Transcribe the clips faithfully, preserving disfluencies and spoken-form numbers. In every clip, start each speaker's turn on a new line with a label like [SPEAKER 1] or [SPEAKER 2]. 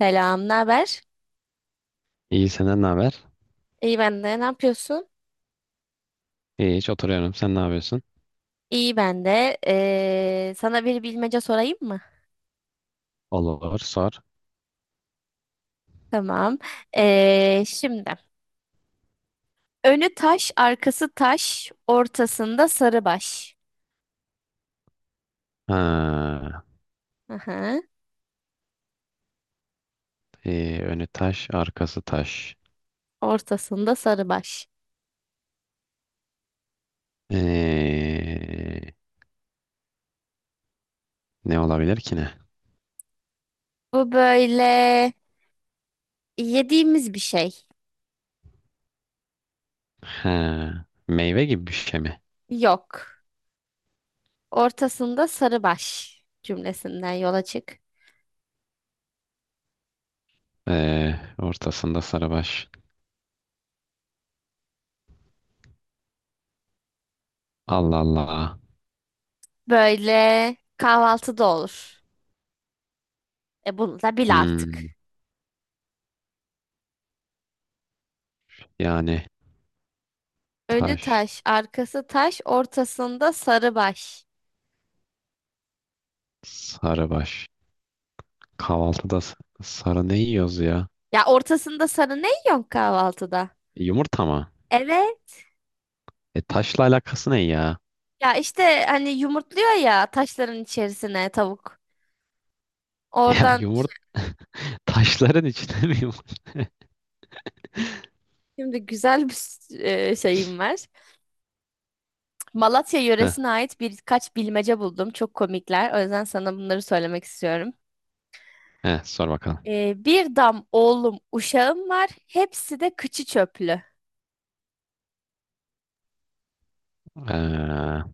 [SPEAKER 1] Selam, ne haber?
[SPEAKER 2] İyi senden ne haber?
[SPEAKER 1] İyi ben de. Ne yapıyorsun?
[SPEAKER 2] İyi hiç oturuyorum. Sen ne yapıyorsun?
[SPEAKER 1] İyi ben de. Ee, sana bir bilmece sorayım mı?
[SPEAKER 2] Olur sor.
[SPEAKER 1] Tamam. Ee, şimdi önü taş, arkası taş, ortasında sarı baş.
[SPEAKER 2] Ha,
[SPEAKER 1] Aha,
[SPEAKER 2] ee, önü taş, arkası taş.
[SPEAKER 1] ortasında sarı baş.
[SPEAKER 2] Ee, Ne olabilir ki ne?
[SPEAKER 1] Bu böyle yediğimiz bir şey.
[SPEAKER 2] Ha, meyve gibi bir şey mi?
[SPEAKER 1] Yok. Ortasında sarı baş cümlesinden yola çık.
[SPEAKER 2] Ee, ortasında sarıbaş. Allah Allah.
[SPEAKER 1] Böyle kahvaltıda olur. E bunu da bil artık.
[SPEAKER 2] Hmm, yani
[SPEAKER 1] Önü
[SPEAKER 2] taş,
[SPEAKER 1] taş, arkası taş, ortasında sarı baş.
[SPEAKER 2] sarıbaş. Kahvaltıda s- sarı ne yiyoruz ya?
[SPEAKER 1] Ya ortasında sarı ne yiyorsun kahvaltıda?
[SPEAKER 2] Yumurta mı?
[SPEAKER 1] Evet.
[SPEAKER 2] E, taşla alakası ne ya?
[SPEAKER 1] Ya işte hani yumurtluyor ya taşların içerisine tavuk.
[SPEAKER 2] Ya
[SPEAKER 1] Oradan
[SPEAKER 2] yumurta taşların içinde mi yumurta?
[SPEAKER 1] şimdi güzel bir s- e, şeyim var. Malatya yöresine ait birkaç bilmece buldum. Çok komikler. O yüzden sana bunları söylemek istiyorum.
[SPEAKER 2] Heh, sor bakalım.
[SPEAKER 1] Ee, bir dam oğlum uşağım var. Hepsi de kıçı çöplü.
[SPEAKER 2] Ee,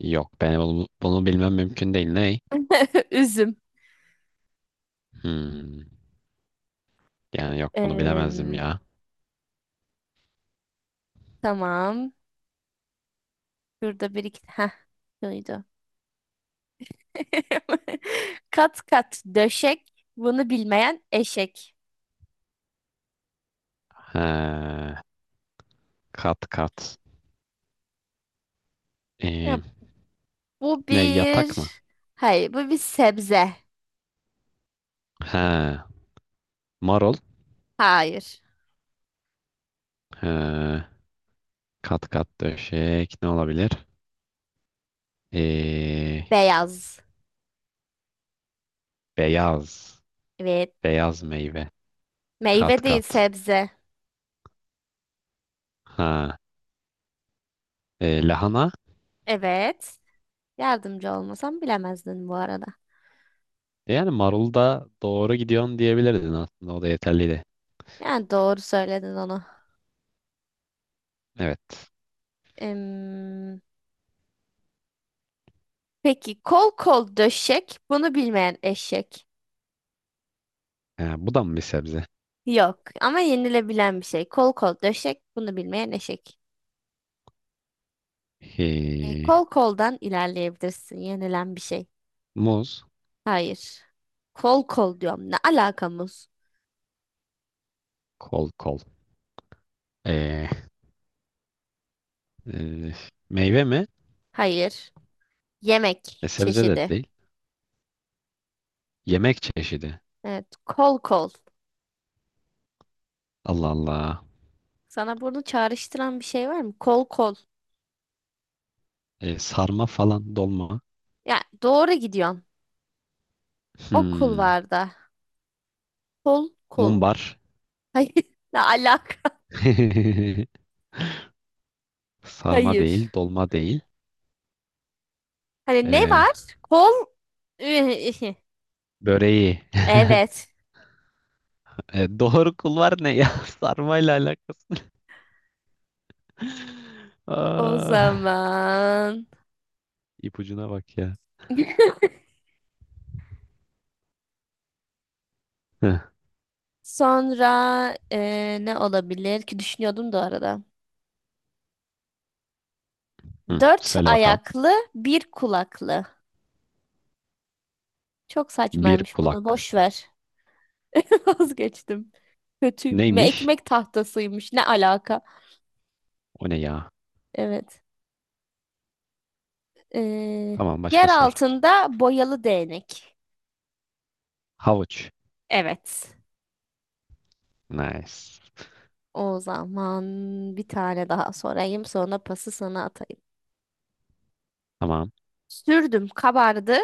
[SPEAKER 2] Yok ben bunu, bunu bilmem mümkün değil. Ney?
[SPEAKER 1] Üzüm.
[SPEAKER 2] Hmm, yani yok bunu bilemezdim
[SPEAKER 1] Em,
[SPEAKER 2] ya.
[SPEAKER 1] tamam. Şurada bir iki... Heh, şuydu. Kat kat döşek, bunu bilmeyen eşek.
[SPEAKER 2] Ha, kat kat. Ee,
[SPEAKER 1] Ya, bu
[SPEAKER 2] Ne yatak
[SPEAKER 1] bir...
[SPEAKER 2] mı?
[SPEAKER 1] Hayır, bu bir sebze.
[SPEAKER 2] Ha, marul.
[SPEAKER 1] Hayır.
[SPEAKER 2] Ha, kat kat döşek ne olabilir? Ee,
[SPEAKER 1] Beyaz.
[SPEAKER 2] Beyaz.
[SPEAKER 1] Evet.
[SPEAKER 2] Beyaz meyve.
[SPEAKER 1] Meyve
[SPEAKER 2] Kat
[SPEAKER 1] değil,
[SPEAKER 2] kat.
[SPEAKER 1] sebze.
[SPEAKER 2] Ha, e, lahana.
[SPEAKER 1] Evet. Yardımcı olmasam bilemezdin bu arada.
[SPEAKER 2] Yani marul da doğru gidiyorsun diyebilirdin aslında. O da yeterliydi.
[SPEAKER 1] Yani doğru söyledin onu.
[SPEAKER 2] Evet.
[SPEAKER 1] Em, peki, kol kol döşek, bunu bilmeyen eşek.
[SPEAKER 2] Ee, bu da mı bir sebze?
[SPEAKER 1] Yok ama yenilebilen bir şey. Kol kol döşek, bunu bilmeyen eşek. E,
[SPEAKER 2] He.
[SPEAKER 1] kol koldan ilerleyebilirsin, yenilen bir şey.
[SPEAKER 2] Muz,
[SPEAKER 1] Hayır. Kol kol diyorum. Ne alakamız?
[SPEAKER 2] kol kol. Ee, e, Meyve mi?
[SPEAKER 1] Hayır. Yemek
[SPEAKER 2] E, sebze de
[SPEAKER 1] çeşidi.
[SPEAKER 2] değil. Yemek çeşidi.
[SPEAKER 1] Evet. Kol kol.
[SPEAKER 2] Allah Allah.
[SPEAKER 1] Sana bunu çağrıştıran bir şey var mı? Kol kol.
[SPEAKER 2] E, sarma falan, dolma.
[SPEAKER 1] Ya doğru gidiyorsun. Okul
[SPEAKER 2] Hmm,
[SPEAKER 1] var da. Kol kol.
[SPEAKER 2] mumbar.
[SPEAKER 1] Hayır. Ne alaka?
[SPEAKER 2] Sarma
[SPEAKER 1] Hayır.
[SPEAKER 2] değil, dolma değil.
[SPEAKER 1] Hani ne
[SPEAKER 2] E,
[SPEAKER 1] var? Kol.
[SPEAKER 2] böreği.
[SPEAKER 1] Evet.
[SPEAKER 2] E, doğru kul var ne ya? Sarmayla alakası.
[SPEAKER 1] O
[SPEAKER 2] Aa,
[SPEAKER 1] zaman.
[SPEAKER 2] ipucuna bak ya. Hı,
[SPEAKER 1] Sonra eee, ne olabilir ki düşünüyordum da arada.
[SPEAKER 2] hı,
[SPEAKER 1] Dört
[SPEAKER 2] söyle bakalım.
[SPEAKER 1] ayaklı, bir kulaklı. Çok
[SPEAKER 2] Bir
[SPEAKER 1] saçmaymış bunu.
[SPEAKER 2] kulak.
[SPEAKER 1] Boş ver. Vazgeçtim. Kötü. Me-
[SPEAKER 2] Neymiş?
[SPEAKER 1] Ekmek tahtasıymış. Ne alaka?
[SPEAKER 2] O ne ya?
[SPEAKER 1] Evet. Ee,
[SPEAKER 2] Tamam
[SPEAKER 1] yer
[SPEAKER 2] başka sor.
[SPEAKER 1] altında boyalı değnek.
[SPEAKER 2] Havuç.
[SPEAKER 1] Evet.
[SPEAKER 2] Nice.
[SPEAKER 1] O zaman bir tane daha sorayım. Sonra pası sana atayım.
[SPEAKER 2] Tamam.
[SPEAKER 1] Sürdüm kabardı.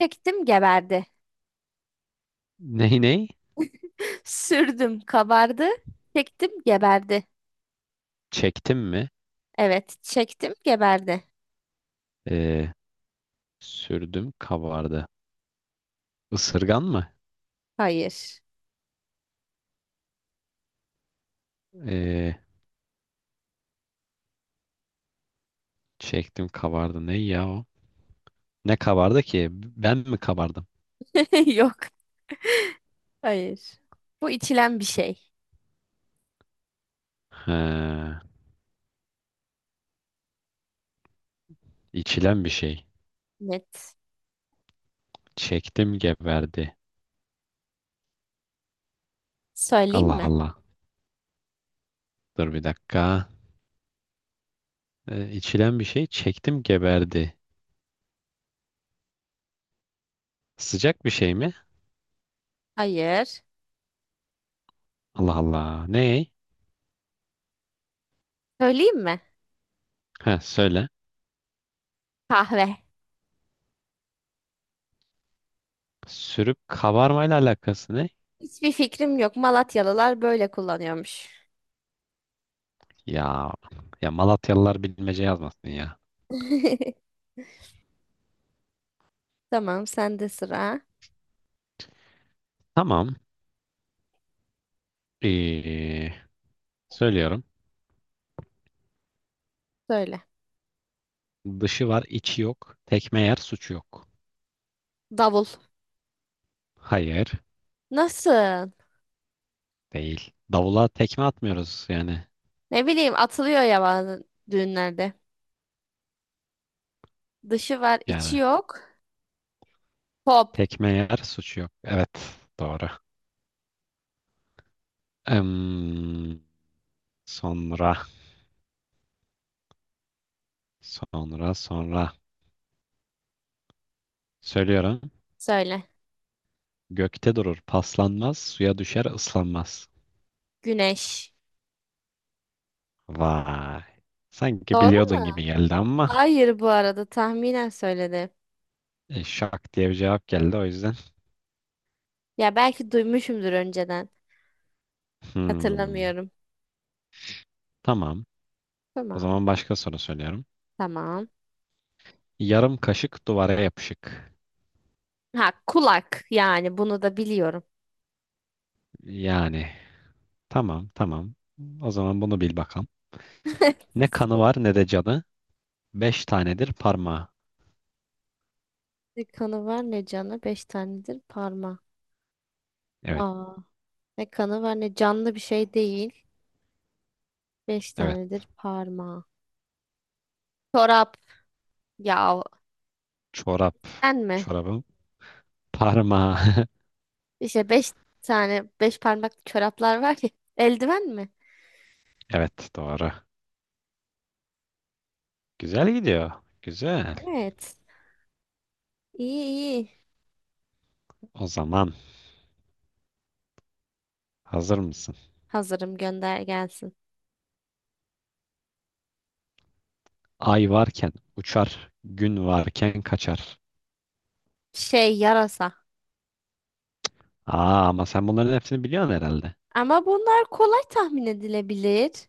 [SPEAKER 1] Çektim geberdi.
[SPEAKER 2] Ney ney?
[SPEAKER 1] Sürdüm kabardı. Çektim geberdi.
[SPEAKER 2] Çektim mi?
[SPEAKER 1] Evet. Çektim geberdi.
[SPEAKER 2] Ee, Sürdüm kabardı. Isırgan mı?
[SPEAKER 1] Hayır.
[SPEAKER 2] Ee, Çektim kabardı. Ne ya o? Ne kabardı ki? Ben mi kabardım?
[SPEAKER 1] Yok. Hayır. Bu içilen bir şey.
[SPEAKER 2] Ha, içilen bir şey.
[SPEAKER 1] Net.
[SPEAKER 2] Çektim geberdi.
[SPEAKER 1] Söyleyeyim
[SPEAKER 2] Allah
[SPEAKER 1] mi?
[SPEAKER 2] Allah. Dur bir dakika. Ee, içilen bir şey. Çektim geberdi. Sıcak bir şey mi?
[SPEAKER 1] Hayır.
[SPEAKER 2] Allah Allah. Ne?
[SPEAKER 1] Söyleyeyim mi?
[SPEAKER 2] Ha, söyle.
[SPEAKER 1] Kahve.
[SPEAKER 2] Sürüp kabarmayla alakası ne?
[SPEAKER 1] Hiçbir fikrim yok. Malatyalılar böyle kullanıyormuş.
[SPEAKER 2] Ya ya Malatyalılar bilmece yazmasın ya.
[SPEAKER 1] Tamam, sende sıra.
[SPEAKER 2] Tamam. Ee, Söylüyorum.
[SPEAKER 1] Söyle.
[SPEAKER 2] Dışı var, içi yok. Tekme yer, suçu yok.
[SPEAKER 1] Davul.
[SPEAKER 2] Hayır,
[SPEAKER 1] Nasıl?
[SPEAKER 2] değil. Davula tekme atmıyoruz yani.
[SPEAKER 1] Ne bileyim, atılıyor ya bazı düğünlerde. Dışı var, içi
[SPEAKER 2] Yani
[SPEAKER 1] yok. Pop.
[SPEAKER 2] tekme yer, suçu yok. Evet, doğru. Em, sonra, sonra, sonra. Söylüyorum.
[SPEAKER 1] Söyle.
[SPEAKER 2] Gökte durur, paslanmaz, suya düşer, ıslanmaz.
[SPEAKER 1] Güneş.
[SPEAKER 2] Vay. Sanki
[SPEAKER 1] Doğru mu?
[SPEAKER 2] biliyordun gibi geldi ama
[SPEAKER 1] Hayır bu arada tahminen söyledim.
[SPEAKER 2] e, şak diye bir cevap geldi o yüzden.
[SPEAKER 1] Ya belki duymuşumdur önceden.
[SPEAKER 2] Hmm,
[SPEAKER 1] Hatırlamıyorum.
[SPEAKER 2] tamam. O
[SPEAKER 1] Tamam.
[SPEAKER 2] zaman başka soru söylüyorum.
[SPEAKER 1] Tamam.
[SPEAKER 2] Yarım kaşık duvara yapışık.
[SPEAKER 1] Ha kulak yani bunu da biliyorum.
[SPEAKER 2] Yani tamam tamam. O zaman bunu bil bakalım. Ne kanı var ne de canı. Beş tanedir parmağı.
[SPEAKER 1] Ne kanı var ne canı. Beş tanedir parma.
[SPEAKER 2] Evet
[SPEAKER 1] Aa. Ne kanı var ne canlı bir şey değil. Beş
[SPEAKER 2] evet.
[SPEAKER 1] tanedir parma. Çorap. Ya
[SPEAKER 2] Çorap.
[SPEAKER 1] sen mi?
[SPEAKER 2] Çorabın parmağı.
[SPEAKER 1] İşte beş tane beş parmak çoraplar var ya. Eldiven mi?
[SPEAKER 2] Evet doğru. Güzel gidiyor. Güzel.
[SPEAKER 1] Evet. İyi iyi.
[SPEAKER 2] O zaman hazır mısın?
[SPEAKER 1] Hazırım gönder gelsin.
[SPEAKER 2] Ay varken uçar. Gün varken kaçar.
[SPEAKER 1] Şey yarasa.
[SPEAKER 2] Aa ama sen bunların hepsini biliyorsun herhalde.
[SPEAKER 1] Ama bunlar kolay tahmin edilebilir.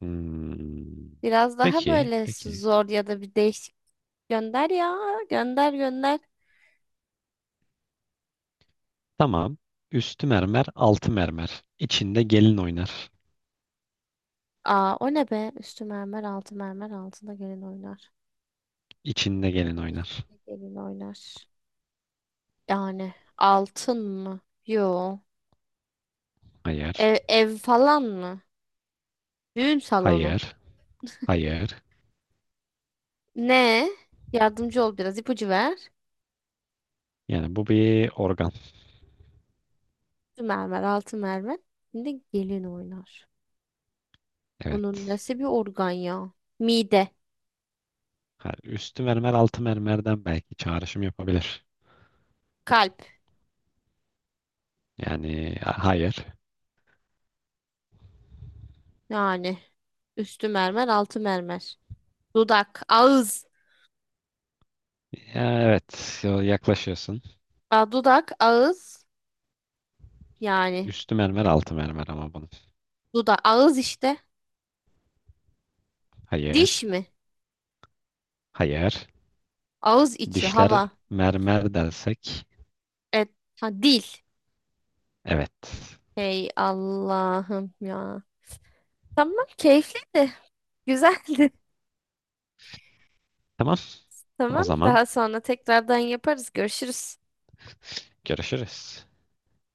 [SPEAKER 2] Hmm.
[SPEAKER 1] Biraz daha
[SPEAKER 2] Peki
[SPEAKER 1] böyle
[SPEAKER 2] peki.
[SPEAKER 1] zor ya da bir değişik gönder ya. Gönder gönder.
[SPEAKER 2] Tamam. Üstü mermer altı mermer. İçinde gelin oynar.
[SPEAKER 1] Aa o ne be? Üstü mermer, altı mermer, altında gelin oynar.
[SPEAKER 2] İçinde gelin oynar.
[SPEAKER 1] İkinde gelin oynar. Yani altın mı? Yo.
[SPEAKER 2] Hayır.
[SPEAKER 1] Ev, ev falan mı? Düğün salonu.
[SPEAKER 2] Hayır. Hayır.
[SPEAKER 1] Ne? Yardımcı ol biraz, ipucu ver.
[SPEAKER 2] Yani bu bir organ.
[SPEAKER 1] Üstü mermer, altı mermer. Şimdi gelin oynar. Bunun
[SPEAKER 2] Evet.
[SPEAKER 1] nesi bir organ ya? Mide,
[SPEAKER 2] Ha, üstü mermer altı mermerden belki çağrışım yapabilir.
[SPEAKER 1] kalp.
[SPEAKER 2] Yani ha- hayır.
[SPEAKER 1] Yani üstü mermer, altı mermer. Dudak, ağız.
[SPEAKER 2] Ya, evet. ya- Yaklaşıyorsun.
[SPEAKER 1] Aa, dudak, ağız. Yani
[SPEAKER 2] Üstü mermer altı mermer ama bunun.
[SPEAKER 1] dudak, ağız işte. Diş
[SPEAKER 2] Hayır.
[SPEAKER 1] mi?
[SPEAKER 2] Hayır.
[SPEAKER 1] Ağız içi
[SPEAKER 2] Dişler
[SPEAKER 1] hava.
[SPEAKER 2] mermer dersek.
[SPEAKER 1] Evet. Ha, dil.
[SPEAKER 2] Evet.
[SPEAKER 1] Hey Allah'ım ya. Tamam keyifliydi. Güzeldi.
[SPEAKER 2] Tamam. O
[SPEAKER 1] Tamam
[SPEAKER 2] zaman
[SPEAKER 1] daha sonra tekrardan yaparız. Görüşürüz.
[SPEAKER 2] görüşürüz.